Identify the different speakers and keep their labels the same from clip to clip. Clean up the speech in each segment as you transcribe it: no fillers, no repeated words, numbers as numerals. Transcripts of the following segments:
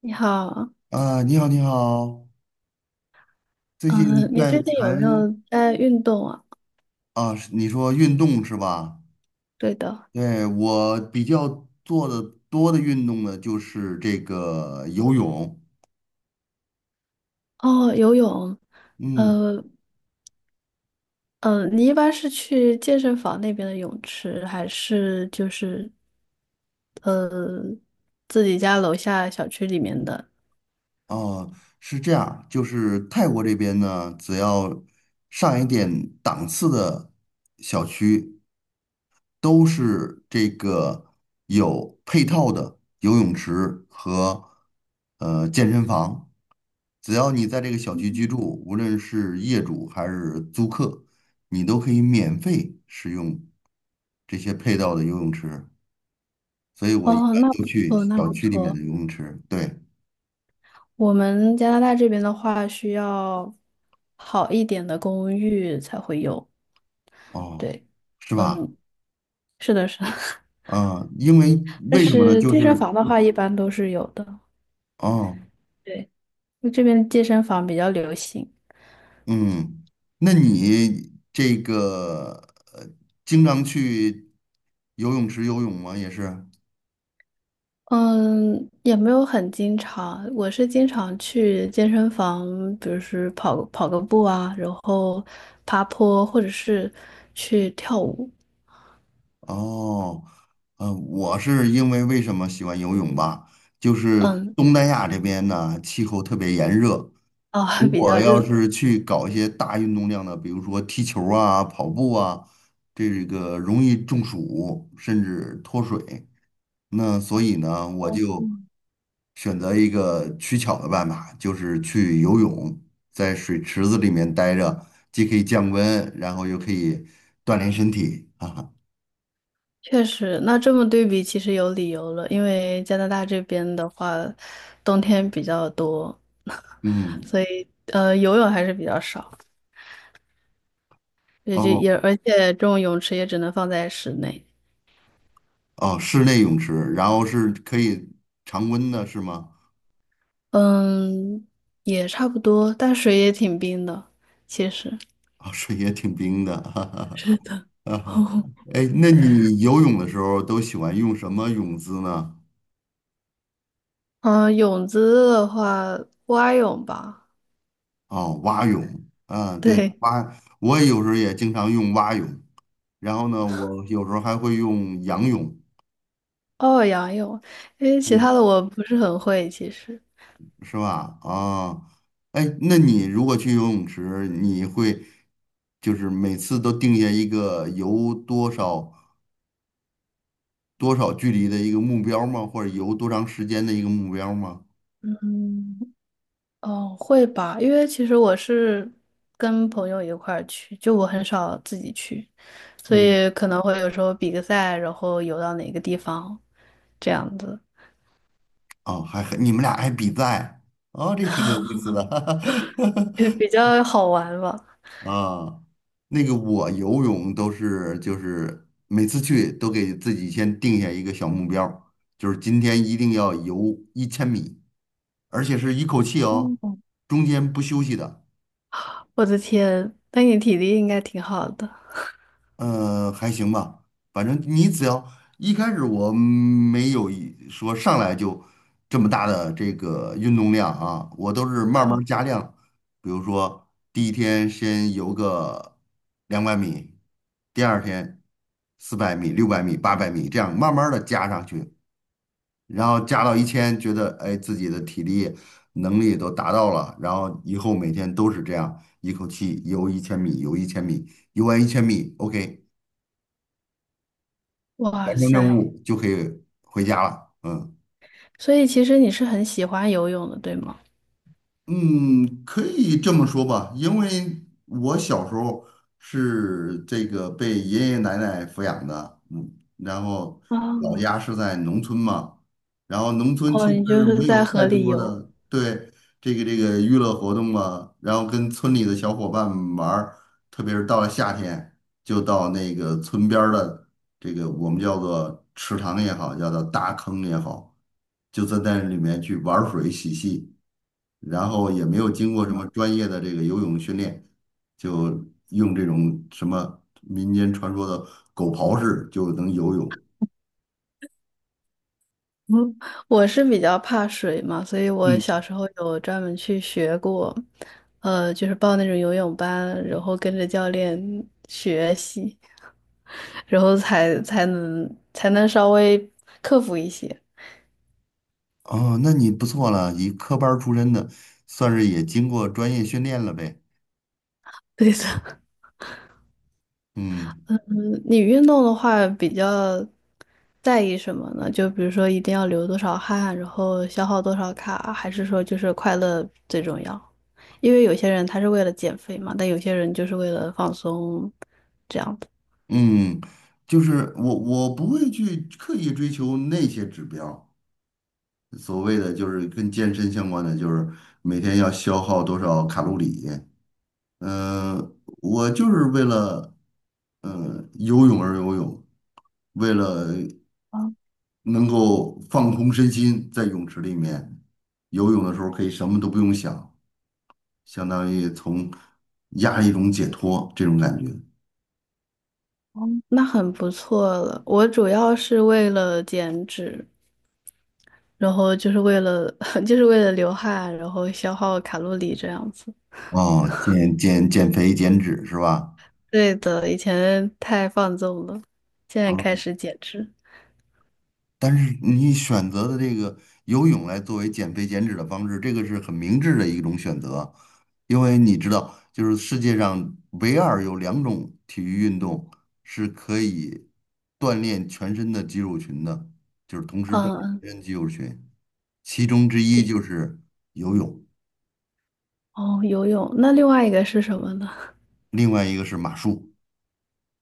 Speaker 1: 你好，
Speaker 2: 啊，你好，你好，最近
Speaker 1: 你
Speaker 2: 在
Speaker 1: 最近有
Speaker 2: 谈
Speaker 1: 没有在运动啊？
Speaker 2: 啊，是你说运动是吧？
Speaker 1: 对的。
Speaker 2: 对，我比较做的多的运动呢，就是这个游泳。
Speaker 1: 哦，游泳。
Speaker 2: 嗯，
Speaker 1: 呃，嗯，你一般是去健身房那边的泳池，还是就是呃自己家楼下小区里面的？
Speaker 2: 哦，是这样，就是泰国这边呢，只要上一点档次的小区，都是这个有配套的游泳池和健身房。只要你在这个小区居住，无论是业主还是租客，你都可以免费使用这些配套的游泳池。所以我一
Speaker 1: 哦，
Speaker 2: 般
Speaker 1: 那不
Speaker 2: 都去
Speaker 1: 错，那
Speaker 2: 小
Speaker 1: 不
Speaker 2: 区里面的
Speaker 1: 错。
Speaker 2: 游泳池。对，
Speaker 1: 我们加拿大这边的话，需要好一点的公寓才会有。
Speaker 2: 哦，
Speaker 1: 对，
Speaker 2: 是吧？
Speaker 1: 嗯，是的，是的。
Speaker 2: 啊，因为
Speaker 1: 但
Speaker 2: 为什么呢？
Speaker 1: 是
Speaker 2: 就
Speaker 1: 健身
Speaker 2: 是
Speaker 1: 房的话，一般都是有的。
Speaker 2: 哦，
Speaker 1: 对。就这边健身房比较流行。
Speaker 2: 嗯，那你这个经常去游泳池游泳吗？也是。
Speaker 1: 嗯，也没有很经常，我是经常去健身房，比如是跑跑个步啊，然后爬坡，或者是去跳舞。
Speaker 2: 哦，我是因为为什么喜欢游泳吧？就是
Speaker 1: 嗯，
Speaker 2: 东南亚这边呢，气候特别炎热。
Speaker 1: 啊，
Speaker 2: 如
Speaker 1: 比
Speaker 2: 果
Speaker 1: 较
Speaker 2: 要
Speaker 1: 热，
Speaker 2: 是去搞一些大运动量的，比如说踢球啊、跑步啊，这个容易中暑，甚至脱水。那所以呢，我就选择一个取巧的办法，就是去游泳，在水池子里面待着，既可以降温，然后又可以锻炼身体啊。
Speaker 1: 确实。那这么对比，其实有理由了，因为加拿大这边的话，冬天比较多，
Speaker 2: 嗯。
Speaker 1: 所以游泳还是比较少，也就
Speaker 2: 哦。
Speaker 1: 也而且这种泳池也只能放在室内。
Speaker 2: 哦，室内泳池，然后是可以常温的，是吗？
Speaker 1: 嗯，也差不多，但水也挺冰的，其实
Speaker 2: 啊、水也挺冰的，哈哈
Speaker 1: 是的，
Speaker 2: 哈 哈。
Speaker 1: 哦，
Speaker 2: 哎，那你游泳的时候都喜欢用什么泳姿呢？
Speaker 1: 嗯，泳姿的话，蛙泳吧。
Speaker 2: 哦，蛙泳，嗯，对，
Speaker 1: 对，
Speaker 2: 我有时候也经常用蛙泳，然后呢，我有时候还会用仰泳，
Speaker 1: 哦，仰泳，因为其
Speaker 2: 嗯，
Speaker 1: 他的我不是很会，其实。
Speaker 2: 是吧？啊，哎，那你如果去游泳池，你会就是每次都定下一个游多少？多少距离的一个目标吗？或者游多长时间的一个目标吗？
Speaker 1: 嗯，哦，会吧，因为其实我是跟朋友一块儿去，就我很少自己去，所
Speaker 2: 嗯，
Speaker 1: 以可能会有时候比个赛，然后游到哪个地方，这样子，
Speaker 2: 哦，还你们俩还比赛，哦，这挺有意思的，
Speaker 1: 也比较好玩吧。
Speaker 2: 啊，那个我游泳都是就是每次去都给自己先定下一个小目标，就是今天一定要游一千米，而且是一口气哦，
Speaker 1: 哦。
Speaker 2: 中间不休息的。
Speaker 1: 我的天，那你体力应该挺好的。
Speaker 2: 还行吧，反正你只要一开始我没有一说上来就这么大的这个运动量啊，我都是慢慢加量。比如说第一天先游个200米，第二天400米、600米、800米，这样慢慢的加上去，然后加到一千，觉得哎自己的体力能力都达到了，然后以后每天都是这样，一口气游一千米，游一千米，游完一千米，OK。
Speaker 1: 哇
Speaker 2: 完成任
Speaker 1: 塞，
Speaker 2: 务就可以回家了。嗯，
Speaker 1: 所以其实你是很喜欢游泳的，对吗？
Speaker 2: 嗯，可以这么说吧，因为我小时候是这个被爷爷奶奶抚养的，嗯，然后老
Speaker 1: 哦，
Speaker 2: 家是在农村嘛，然后农村其
Speaker 1: 哦，你就
Speaker 2: 实
Speaker 1: 是
Speaker 2: 没
Speaker 1: 在
Speaker 2: 有太
Speaker 1: 河里
Speaker 2: 多
Speaker 1: 游。
Speaker 2: 的 对这个娱乐活动啊，然后跟村里的小伙伴们玩儿特别是到了夏天，就到那个村边儿的这个我们叫做池塘也好，叫做大坑也好，就在那里面去玩水嬉戏。然后也没有经过什么专业的这个游泳训练，就用这种什么民间传说的狗刨式就能游泳。
Speaker 1: 嗯，我是比较怕水嘛，所以我小
Speaker 2: 嗯，
Speaker 1: 时候有专门去学过，就是报那种游泳班，然后跟着教练学习。然后才能稍微克服一些。
Speaker 2: 哦，那你不错了，以科班儿出身的，算是也经过专业训练了呗。
Speaker 1: 对的。
Speaker 2: 嗯
Speaker 1: 嗯，你运动的话比较在意什么呢？就比如说一定要流多少汗，然后消耗多少卡，还是说就是快乐最重要？因为有些人他是为了减肥嘛，但有些人就是为了放松，这样子。
Speaker 2: 嗯，就是我不会去刻意追求那些指标。所谓的就是跟健身相关的，就是每天要消耗多少卡路里，呃，我就是为了游泳而游泳，为了能够放空身心，在泳池里面游泳的时候可以什么都不用想，相当于从压力中解脱这种感觉。
Speaker 1: 那很不错了。我主要是为了减脂，然后就是为了 就是为了流汗，然后消耗卡路里这样子。
Speaker 2: 哦，减肥减脂是吧？
Speaker 1: 对的，以前太放纵了，现在开
Speaker 2: 啊。
Speaker 1: 始减脂。
Speaker 2: 但是你选择的这个游泳来作为减肥减脂的方式，这个是很明智的一种选择，因为你知道，就是世界上唯二有两种体育运动是可以锻炼全身的肌肉群的，就是同时锻炼
Speaker 1: 嗯嗯。
Speaker 2: 全身肌肉群，其中之一就是游泳，
Speaker 1: 哦，游泳。那另外一个是什么呢？
Speaker 2: 另外一个是马术，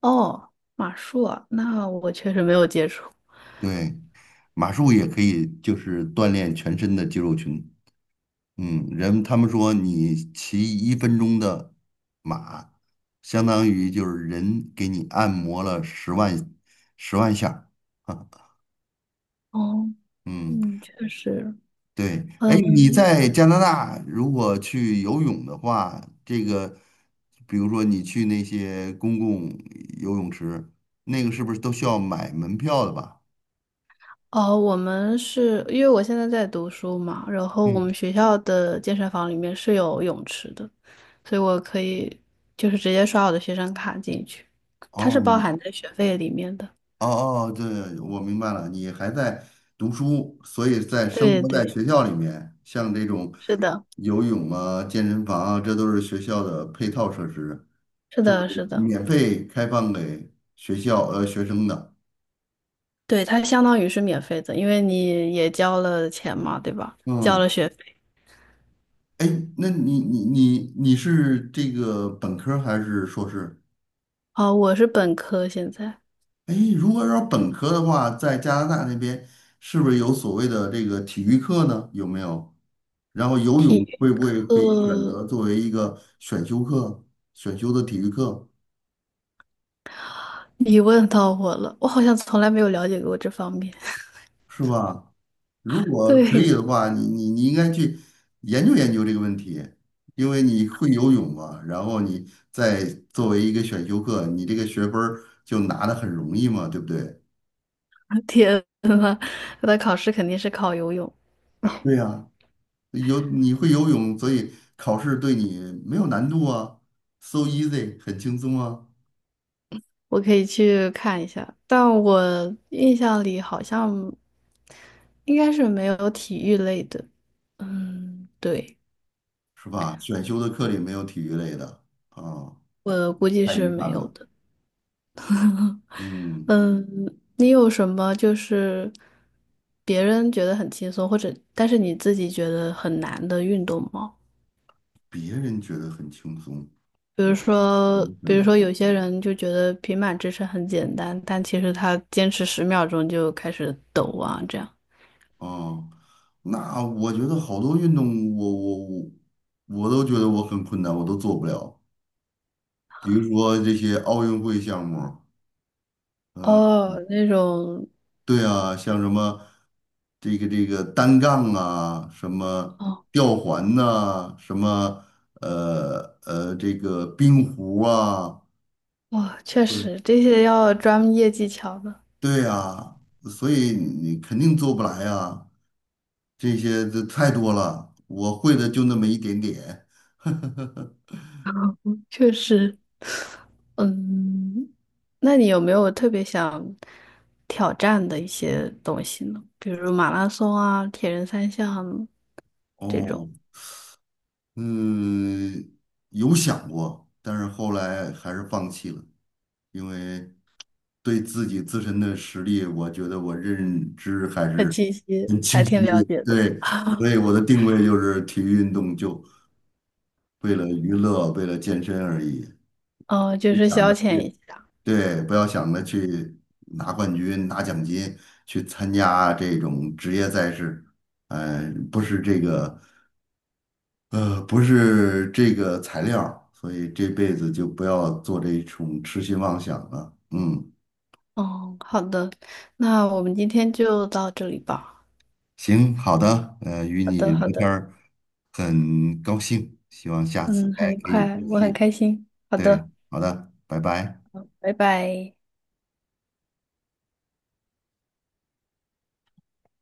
Speaker 1: 哦，马术啊，那我确实没有接触。
Speaker 2: 对，马术也可以就是锻炼全身的肌肉群。嗯，人他们说你骑1分钟的马，相当于就是人给你按摩了十万下儿。
Speaker 1: 哦，
Speaker 2: 嗯，
Speaker 1: 嗯，确实，
Speaker 2: 对。哎，你
Speaker 1: 嗯，
Speaker 2: 在加拿大如果去游泳的话，这个比如说你去那些公共游泳池，那个是不是都需要买门票的吧？
Speaker 1: 哦，我们是因为我现在在读书嘛，然后我们
Speaker 2: 嗯，
Speaker 1: 学校的健身房里面是有泳池的，所以我可以就是直接刷我的学生卡进去，它是
Speaker 2: 哦，
Speaker 1: 包含在学费里面的。
Speaker 2: 哦哦，对，我明白了，你还在读书，所以在生
Speaker 1: 对
Speaker 2: 活在
Speaker 1: 对，
Speaker 2: 学校里面，像这种
Speaker 1: 是的，
Speaker 2: 游泳啊、健身房啊，这都是学校的配套设施，
Speaker 1: 是
Speaker 2: 就
Speaker 1: 的，是的，
Speaker 2: 免费开放给学校学生的。
Speaker 1: 对，它相当于是免费的，因为你也交了钱嘛，对吧？交
Speaker 2: 嗯，
Speaker 1: 了学费。
Speaker 2: 哎，那你是这个本科儿还是硕士？
Speaker 1: 啊，我是本科，现在
Speaker 2: 哎，如果说本科的话，在加拿大那边是不是有所谓的这个体育课呢？有没有？然后游
Speaker 1: 体
Speaker 2: 泳
Speaker 1: 育
Speaker 2: 会不会可以选
Speaker 1: 课
Speaker 2: 择作为一个选修课，选修的体育课
Speaker 1: 你问到我了，我好像从来没有了解过这方面。
Speaker 2: 是吧？如 果可
Speaker 1: 对，
Speaker 2: 以的话，你应该去研究研究这个问题，因为你会游泳嘛，然后你再作为一个选修课，你这个学分儿就拿的很容易嘛，对不对？
Speaker 1: 天呐，他的考试肯定是考游泳，
Speaker 2: 对呀、你会游泳，所以考试对你没有难度啊，so easy，很轻松啊，
Speaker 1: 我可以去看一下，但我印象里好像应该是没有体育类的。嗯，对，
Speaker 2: 是吧？选修的课里没有体育类的啊，
Speaker 1: 我估计
Speaker 2: 太
Speaker 1: 是
Speaker 2: 遗憾
Speaker 1: 没有
Speaker 2: 了。
Speaker 1: 的。
Speaker 2: 嗯，
Speaker 1: 嗯，你有什么就是别人觉得很轻松，或者但是你自己觉得很难的运动吗？
Speaker 2: 别人觉得很轻松，
Speaker 1: 比如说，
Speaker 2: 我
Speaker 1: 比
Speaker 2: 困
Speaker 1: 如说
Speaker 2: 难
Speaker 1: 有些人就觉得平板支撑很简单，但其实他坚持10秒钟就开始抖啊，这样。
Speaker 2: 啊。那我觉得好多运动我都觉得我很困难，我都做不了。比如说这些奥运会项目，
Speaker 1: 哦，那种，
Speaker 2: 对啊，像什么这个单杠啊，什么
Speaker 1: 哦，
Speaker 2: 吊环呐、什么这个冰壶啊，
Speaker 1: 哦，确
Speaker 2: 对，
Speaker 1: 实这些要专业技巧的，
Speaker 2: 对啊，所以你肯定做不来啊，这些这太多了，我会的就那么一点点。
Speaker 1: 确实。嗯，那你有没有特别想挑战的一些东西呢？比如马拉松啊、铁人三项这种，
Speaker 2: 哦，嗯，有想过，但是后来还是放弃了，因为。对自己自身的实力，我觉得我认知还
Speaker 1: 很
Speaker 2: 是
Speaker 1: 清晰，
Speaker 2: 很
Speaker 1: 还
Speaker 2: 清
Speaker 1: 挺了
Speaker 2: 晰
Speaker 1: 解
Speaker 2: 的。
Speaker 1: 的。
Speaker 2: 对，所以我的定位就是体育运动，就为了娱乐，为了健身而已，
Speaker 1: 哦，就
Speaker 2: 就
Speaker 1: 是
Speaker 2: 想
Speaker 1: 消
Speaker 2: 着
Speaker 1: 遣一
Speaker 2: 去，
Speaker 1: 下。
Speaker 2: 对，不要想着去拿冠军、拿奖金，去参加这种职业赛事，不是这个，不是这个材料儿所以这辈子就不要做这种痴心妄想了。嗯，
Speaker 1: 哦，好的，那我们今天就到这里吧。
Speaker 2: 行，好的，与
Speaker 1: 好
Speaker 2: 你
Speaker 1: 的，好
Speaker 2: 聊天
Speaker 1: 的，
Speaker 2: 儿很高兴，希望下次
Speaker 1: 嗯，很
Speaker 2: 还
Speaker 1: 愉
Speaker 2: 可以
Speaker 1: 快，
Speaker 2: 继
Speaker 1: 我很
Speaker 2: 续。
Speaker 1: 开心。好
Speaker 2: 对，
Speaker 1: 的，
Speaker 2: 好的，拜拜。
Speaker 1: 拜拜。